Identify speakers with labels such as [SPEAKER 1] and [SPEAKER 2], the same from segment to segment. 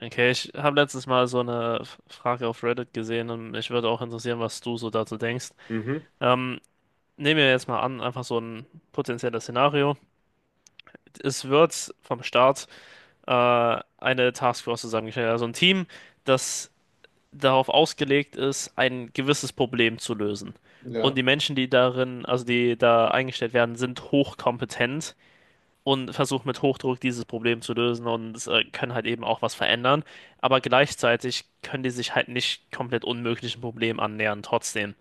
[SPEAKER 1] Okay, ich habe letztens mal so eine Frage auf Reddit gesehen und mich würde auch interessieren, was du so dazu denkst.
[SPEAKER 2] Mhm.
[SPEAKER 1] Ähm, nehmen wir jetzt mal an, einfach so ein potenzielles Szenario. Es wird vom Staat eine Taskforce zusammengestellt, also ein Team, das darauf ausgelegt ist, ein gewisses Problem zu lösen. Und
[SPEAKER 2] Ja,
[SPEAKER 1] die Menschen, die darin, also die da eingestellt werden, sind hochkompetent und versucht mit Hochdruck dieses Problem zu lösen und können halt eben auch was verändern. Aber gleichzeitig können die sich halt nicht komplett unmöglichen Problemen annähern, trotzdem.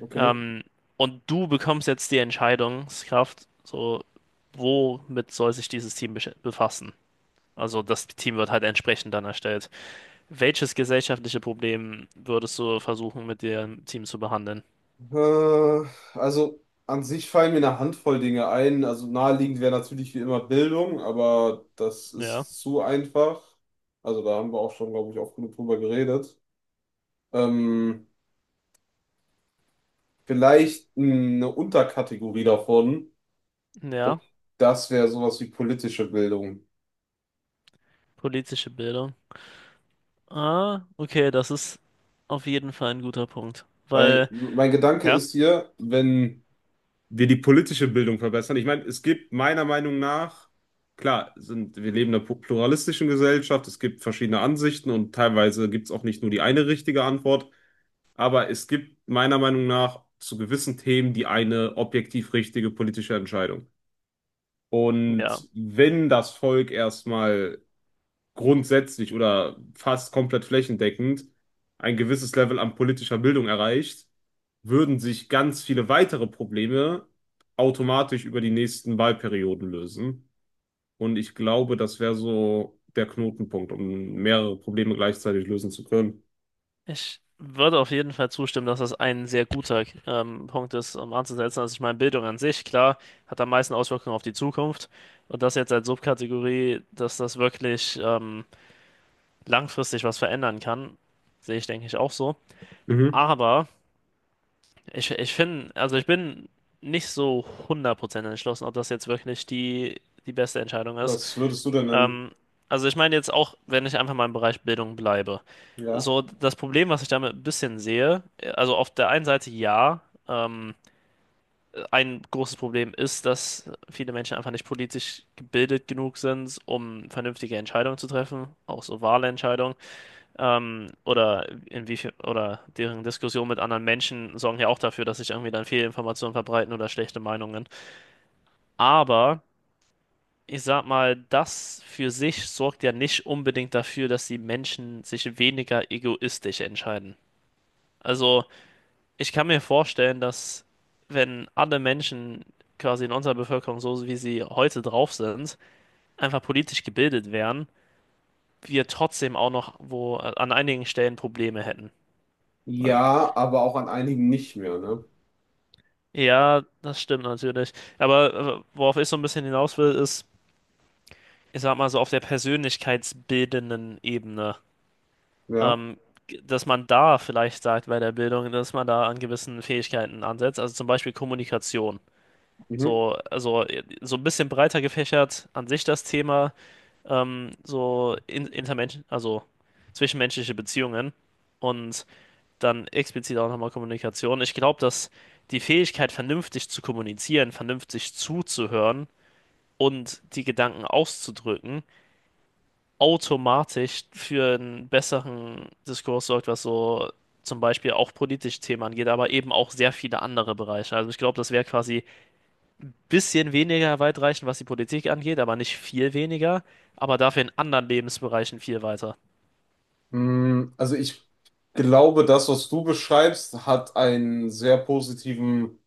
[SPEAKER 2] okay.
[SPEAKER 1] Ähm, und du bekommst jetzt die Entscheidungskraft, so, womit soll sich dieses Team befassen? Also das Team wird halt entsprechend dann erstellt. Welches gesellschaftliche Problem würdest du versuchen, mit dem Team zu behandeln?
[SPEAKER 2] Äh, also an sich fallen mir eine Handvoll Dinge ein. Also naheliegend wäre natürlich wie immer Bildung, aber das
[SPEAKER 1] Ja,
[SPEAKER 2] ist zu einfach. Also da haben wir auch schon, glaube ich, oft genug drüber geredet. Ähm, Vielleicht eine Unterkategorie davon. Und
[SPEAKER 1] ja,
[SPEAKER 2] das wäre sowas wie politische Bildung.
[SPEAKER 1] politische Bildung. Ah, okay, das ist auf jeden Fall ein guter Punkt.
[SPEAKER 2] Weil
[SPEAKER 1] Weil,
[SPEAKER 2] mein Gedanke
[SPEAKER 1] ja?
[SPEAKER 2] ist hier, wenn wir die politische Bildung verbessern. Ich meine, es gibt meiner Meinung nach, klar, sind, wir leben in einer pluralistischen Gesellschaft, es gibt verschiedene Ansichten und teilweise gibt es auch nicht nur die eine richtige Antwort, aber es gibt meiner Meinung nach zu gewissen Themen die eine objektiv richtige politische Entscheidung.
[SPEAKER 1] Ja,
[SPEAKER 2] Und wenn das Volk erstmal grundsätzlich oder fast komplett flächendeckend ein gewisses Level an politischer Bildung erreicht, würden sich ganz viele weitere Probleme automatisch über die nächsten Wahlperioden lösen. Und ich glaube, das wäre so der Knotenpunkt, um mehrere Probleme gleichzeitig lösen zu können.
[SPEAKER 1] ich würde auf jeden Fall zustimmen, dass das ein sehr guter Punkt ist, um anzusetzen. Also ich meine, Bildung an sich, klar, hat am meisten Auswirkungen auf die Zukunft. Und das jetzt als Subkategorie, dass das wirklich langfristig was verändern kann, sehe ich, denke ich, auch so.
[SPEAKER 2] Mhm.
[SPEAKER 1] Aber ich finde, also ich bin nicht so 100% entschlossen, ob das jetzt wirklich die beste Entscheidung ist.
[SPEAKER 2] Was würdest du denn nennen?
[SPEAKER 1] Ähm, also ich meine jetzt auch, wenn ich einfach mal im Bereich Bildung bleibe.
[SPEAKER 2] Ja.
[SPEAKER 1] So, das Problem, was ich damit ein bisschen sehe, also auf der einen Seite ja, ähm, ein großes Problem ist, dass viele Menschen einfach nicht politisch gebildet genug sind, um vernünftige Entscheidungen zu treffen, auch so wahre Entscheidungen. Oder inwiefern, oder deren Diskussion mit anderen Menschen sorgen ja auch dafür, dass sich irgendwie dann Fehlinformationen verbreiten oder schlechte Meinungen. Aber ich sag mal, das für sich sorgt ja nicht unbedingt dafür, dass die Menschen sich weniger egoistisch entscheiden. Also, ich kann mir vorstellen, dass wenn alle Menschen quasi in unserer Bevölkerung so, wie sie heute drauf sind, einfach politisch gebildet wären, wir trotzdem auch noch wo an einigen Stellen Probleme hätten. Weil-
[SPEAKER 2] Ja, aber auch an einigen nicht mehr, ne?
[SPEAKER 1] ja, das stimmt natürlich. Aber worauf ich so ein bisschen hinaus will, ist, ich sag mal so auf der persönlichkeitsbildenden Ebene.
[SPEAKER 2] Ja.
[SPEAKER 1] ähm, dass man da vielleicht sagt bei der Bildung, dass man da an gewissen Fähigkeiten ansetzt, also zum Beispiel Kommunikation.
[SPEAKER 2] Mhm.
[SPEAKER 1] So, also so ein bisschen breiter gefächert an sich das Thema, also zwischenmenschliche Beziehungen und dann explizit auch nochmal Kommunikation. Ich glaube, dass die Fähigkeit, vernünftig zu kommunizieren, vernünftig zuzuhören und die Gedanken auszudrücken, automatisch für einen besseren Diskurs sorgt, was so zum Beispiel auch politisch Themen angeht, aber eben auch sehr viele andere Bereiche. Also ich glaube, das Werk quasi ein bisschen weniger weitreichend, was die Politik angeht, aber nicht viel weniger, aber dafür in anderen Lebensbereichen viel weiter.
[SPEAKER 2] Mm, also ich glaube, das, was du beschreibst, hat einen sehr positiven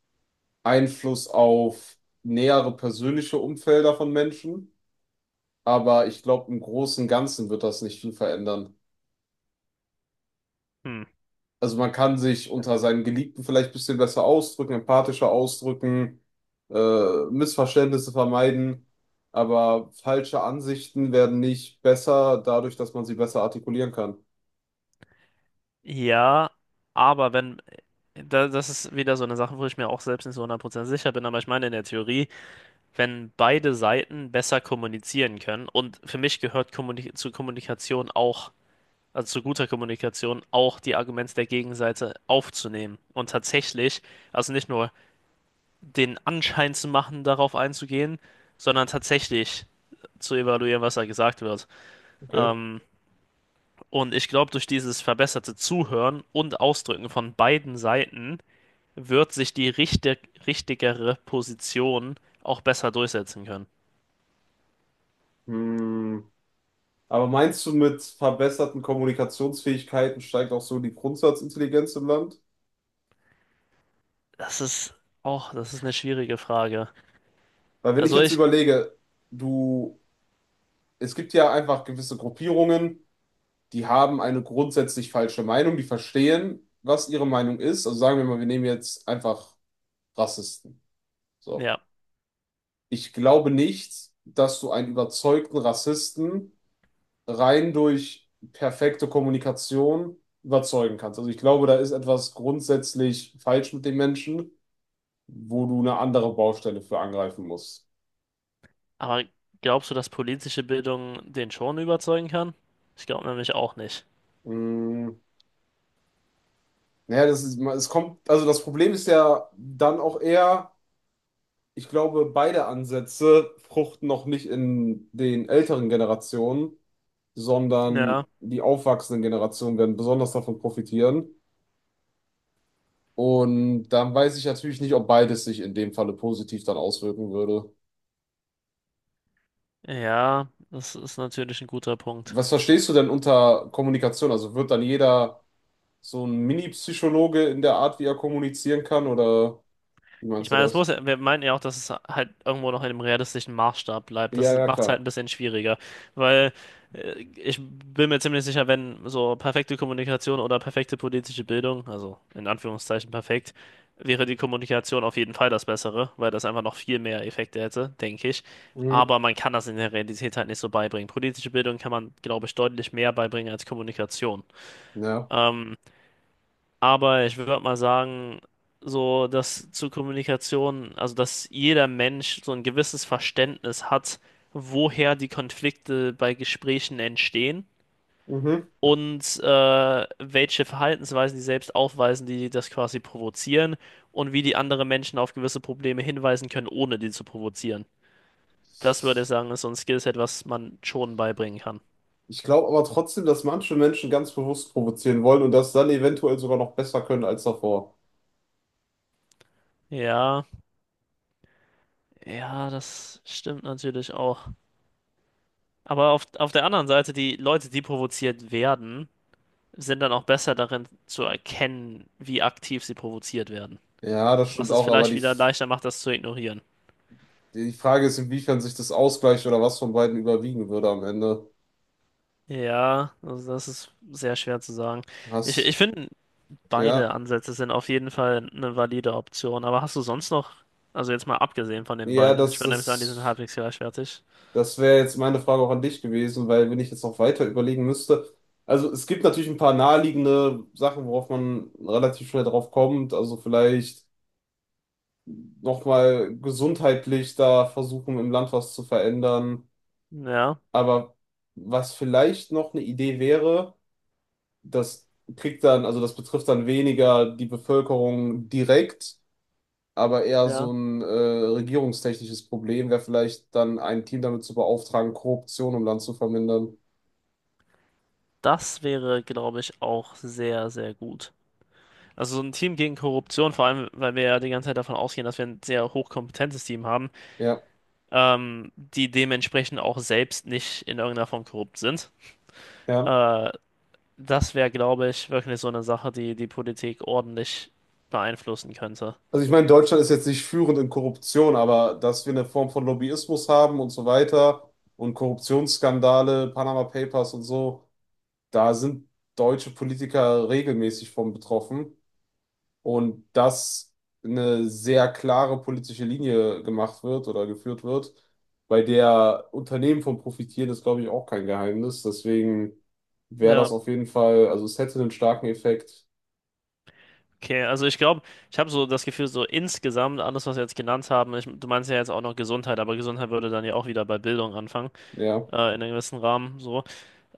[SPEAKER 2] Einfluss auf nähere persönliche Umfelder von Menschen, aber ich glaube, im Großen und Ganzen wird das nicht viel verändern.
[SPEAKER 1] Hm.
[SPEAKER 2] Also man kann sich unter seinen Geliebten vielleicht ein bisschen besser ausdrücken, empathischer ausdrücken, Missverständnisse vermeiden, aber falsche Ansichten werden nicht besser dadurch, dass man sie besser artikulieren kann.
[SPEAKER 1] Ja, aber wenn das ist wieder so eine Sache, wo ich mir auch selbst nicht so hundertprozentig sicher bin. Aber ich meine in der Theorie, wenn beide Seiten besser kommunizieren können und für mich gehört Kommunikation auch, also zu guter Kommunikation, auch die Argumente der Gegenseite aufzunehmen und tatsächlich, also nicht nur den Anschein zu machen, darauf einzugehen, sondern tatsächlich zu evaluieren, was da gesagt wird.
[SPEAKER 2] Okay.
[SPEAKER 1] Ähm, und ich glaube, durch dieses verbesserte Zuhören und Ausdrücken von beiden Seiten wird sich die richtigere Position auch besser durchsetzen können.
[SPEAKER 2] Hm. Aber meinst du, mit verbesserten Kommunikationsfähigkeiten steigt auch so die Grundsatzintelligenz im Land?
[SPEAKER 1] Das ist auch, das ist eine schwierige Frage.
[SPEAKER 2] Weil wenn ich
[SPEAKER 1] Also
[SPEAKER 2] jetzt
[SPEAKER 1] ich,
[SPEAKER 2] überlege, du es gibt ja einfach gewisse Gruppierungen, die haben eine grundsätzlich falsche Meinung, die verstehen, was ihre Meinung ist. Also sagen wir mal, wir nehmen jetzt einfach Rassisten. So.
[SPEAKER 1] ja.
[SPEAKER 2] Ich glaube nicht, dass du einen überzeugten Rassisten rein durch perfekte Kommunikation überzeugen kannst. Also ich glaube, da ist etwas grundsätzlich falsch mit den Menschen, wo du eine andere Baustelle für angreifen musst.
[SPEAKER 1] Aber glaubst du, dass politische Bildung den schon überzeugen kann? Ich glaube nämlich auch nicht.
[SPEAKER 2] Mm, naja, das ist, es kommt, also das Problem ist ja dann auch eher, ich glaube, beide Ansätze fruchten noch nicht in den älteren Generationen, sondern
[SPEAKER 1] Ja,
[SPEAKER 2] die aufwachsenden Generationen werden besonders davon profitieren. Und dann weiß ich natürlich nicht, ob beides sich in dem Falle positiv dann auswirken würde.
[SPEAKER 1] ja, das ist natürlich ein guter Punkt.
[SPEAKER 2] Was verstehst du denn unter Kommunikation? Also wird dann jeder so ein Mini-Psychologe in der Art, wie er kommunizieren kann? Oder wie
[SPEAKER 1] Ich
[SPEAKER 2] meinst du
[SPEAKER 1] meine, das
[SPEAKER 2] das?
[SPEAKER 1] muss ja, wir meinten ja auch, dass es halt irgendwo noch in einem realistischen Maßstab bleibt. Das
[SPEAKER 2] Ja, ja,
[SPEAKER 1] macht es halt
[SPEAKER 2] klar.
[SPEAKER 1] ein bisschen schwieriger, weil ich bin mir ziemlich sicher, wenn so perfekte Kommunikation oder perfekte politische Bildung, also in Anführungszeichen perfekt, wäre die Kommunikation auf jeden Fall das Bessere, weil das einfach noch viel mehr Effekte hätte, denke ich.
[SPEAKER 2] Mhm.
[SPEAKER 1] Aber man kann das in der Realität halt nicht so beibringen. Politische Bildung kann man, glaube ich, deutlich mehr beibringen als Kommunikation.
[SPEAKER 2] Ja.
[SPEAKER 1] Ähm, aber ich würde mal sagen, so dass zur Kommunikation, also dass jeder Mensch so ein gewisses Verständnis hat, woher die Konflikte bei Gesprächen entstehen
[SPEAKER 2] Mhm.
[SPEAKER 1] und welche Verhaltensweisen die selbst aufweisen, die das quasi provozieren und wie die anderen Menschen auf gewisse Probleme hinweisen können, ohne die zu provozieren. Das würde ich sagen, ist so ein Skillset, was man schon beibringen kann.
[SPEAKER 2] Ich glaube aber trotzdem, dass manche Menschen ganz bewusst provozieren wollen und das dann eventuell sogar noch besser können als davor.
[SPEAKER 1] Ja, ja, das stimmt natürlich auch. Aber auf der anderen Seite, die Leute, die provoziert werden, sind dann auch besser darin zu erkennen, wie aktiv sie provoziert werden.
[SPEAKER 2] Ja, das
[SPEAKER 1] Was
[SPEAKER 2] stimmt
[SPEAKER 1] es
[SPEAKER 2] auch, aber
[SPEAKER 1] vielleicht
[SPEAKER 2] die,
[SPEAKER 1] wieder leichter macht, das zu ignorieren.
[SPEAKER 2] die Frage ist, inwiefern sich das ausgleicht oder was von beiden überwiegen würde am Ende.
[SPEAKER 1] Ja, also das ist sehr schwer zu sagen. Ich,
[SPEAKER 2] Hast,
[SPEAKER 1] ich finde, beide
[SPEAKER 2] ja,
[SPEAKER 1] Ansätze sind auf jeden Fall eine valide Option. Aber hast du sonst noch, also jetzt mal abgesehen von den
[SPEAKER 2] ja,
[SPEAKER 1] beiden, ich würde nämlich sagen, die sind halbwegs gleichwertig.
[SPEAKER 2] das wäre jetzt meine Frage auch an dich gewesen, weil wenn ich jetzt noch weiter überlegen müsste, also es gibt natürlich ein paar naheliegende Sachen, worauf man relativ schnell drauf kommt, also vielleicht nochmal gesundheitlich da versuchen, im Land was zu verändern.
[SPEAKER 1] Ja,
[SPEAKER 2] Aber was vielleicht noch eine Idee wäre, das kriegt dann, also das betrifft dann weniger die Bevölkerung direkt, aber eher
[SPEAKER 1] ja.
[SPEAKER 2] so ein regierungstechnisches Problem, wäre vielleicht dann ein Team damit zu beauftragen, Korruption im Land zu vermindern.
[SPEAKER 1] Das wäre, glaube ich, auch sehr, sehr gut. Also so ein Team gegen Korruption, vor allem, weil wir ja die ganze Zeit davon ausgehen, dass wir ein sehr hochkompetentes Team haben,
[SPEAKER 2] Ja,
[SPEAKER 1] die dementsprechend auch selbst nicht in irgendeiner Form korrupt sind.
[SPEAKER 2] ja.
[SPEAKER 1] Äh, das wäre, glaube ich, wirklich so eine Sache, die die Politik ordentlich beeinflussen könnte.
[SPEAKER 2] Also ich meine, Deutschland ist jetzt nicht führend in Korruption, aber dass wir eine Form von Lobbyismus haben und so weiter und Korruptionsskandale, Panama Papers und so, da sind deutsche Politiker regelmäßig von betroffen. Und dass eine sehr klare politische Linie gemacht wird oder geführt wird, bei der Unternehmen von profitieren, ist, glaube ich, auch kein Geheimnis. Deswegen wäre das
[SPEAKER 1] Ja,
[SPEAKER 2] auf jeden Fall, also es hätte einen starken Effekt.
[SPEAKER 1] okay. Also ich glaube, ich habe so das Gefühl, so insgesamt alles, was wir jetzt genannt haben, ich, du meinst ja jetzt auch noch Gesundheit, aber Gesundheit würde dann ja auch wieder bei Bildung anfangen,
[SPEAKER 2] Ja,
[SPEAKER 1] in einem gewissen Rahmen so.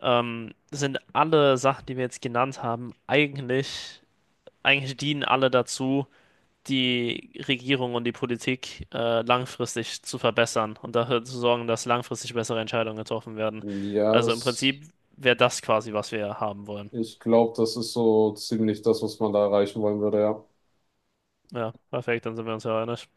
[SPEAKER 1] Sind alle Sachen, die wir jetzt genannt haben, eigentlich, eigentlich dienen alle dazu, die Regierung und die Politik langfristig zu verbessern und dafür zu sorgen, dass langfristig bessere Entscheidungen getroffen werden.
[SPEAKER 2] ja,
[SPEAKER 1] Also im
[SPEAKER 2] das,
[SPEAKER 1] Prinzip wäre das quasi, was wir haben wollen.
[SPEAKER 2] ich glaube, das ist so ziemlich das, was man da erreichen wollen würde, ja.
[SPEAKER 1] Ja, perfekt, dann sind wir uns ja einig.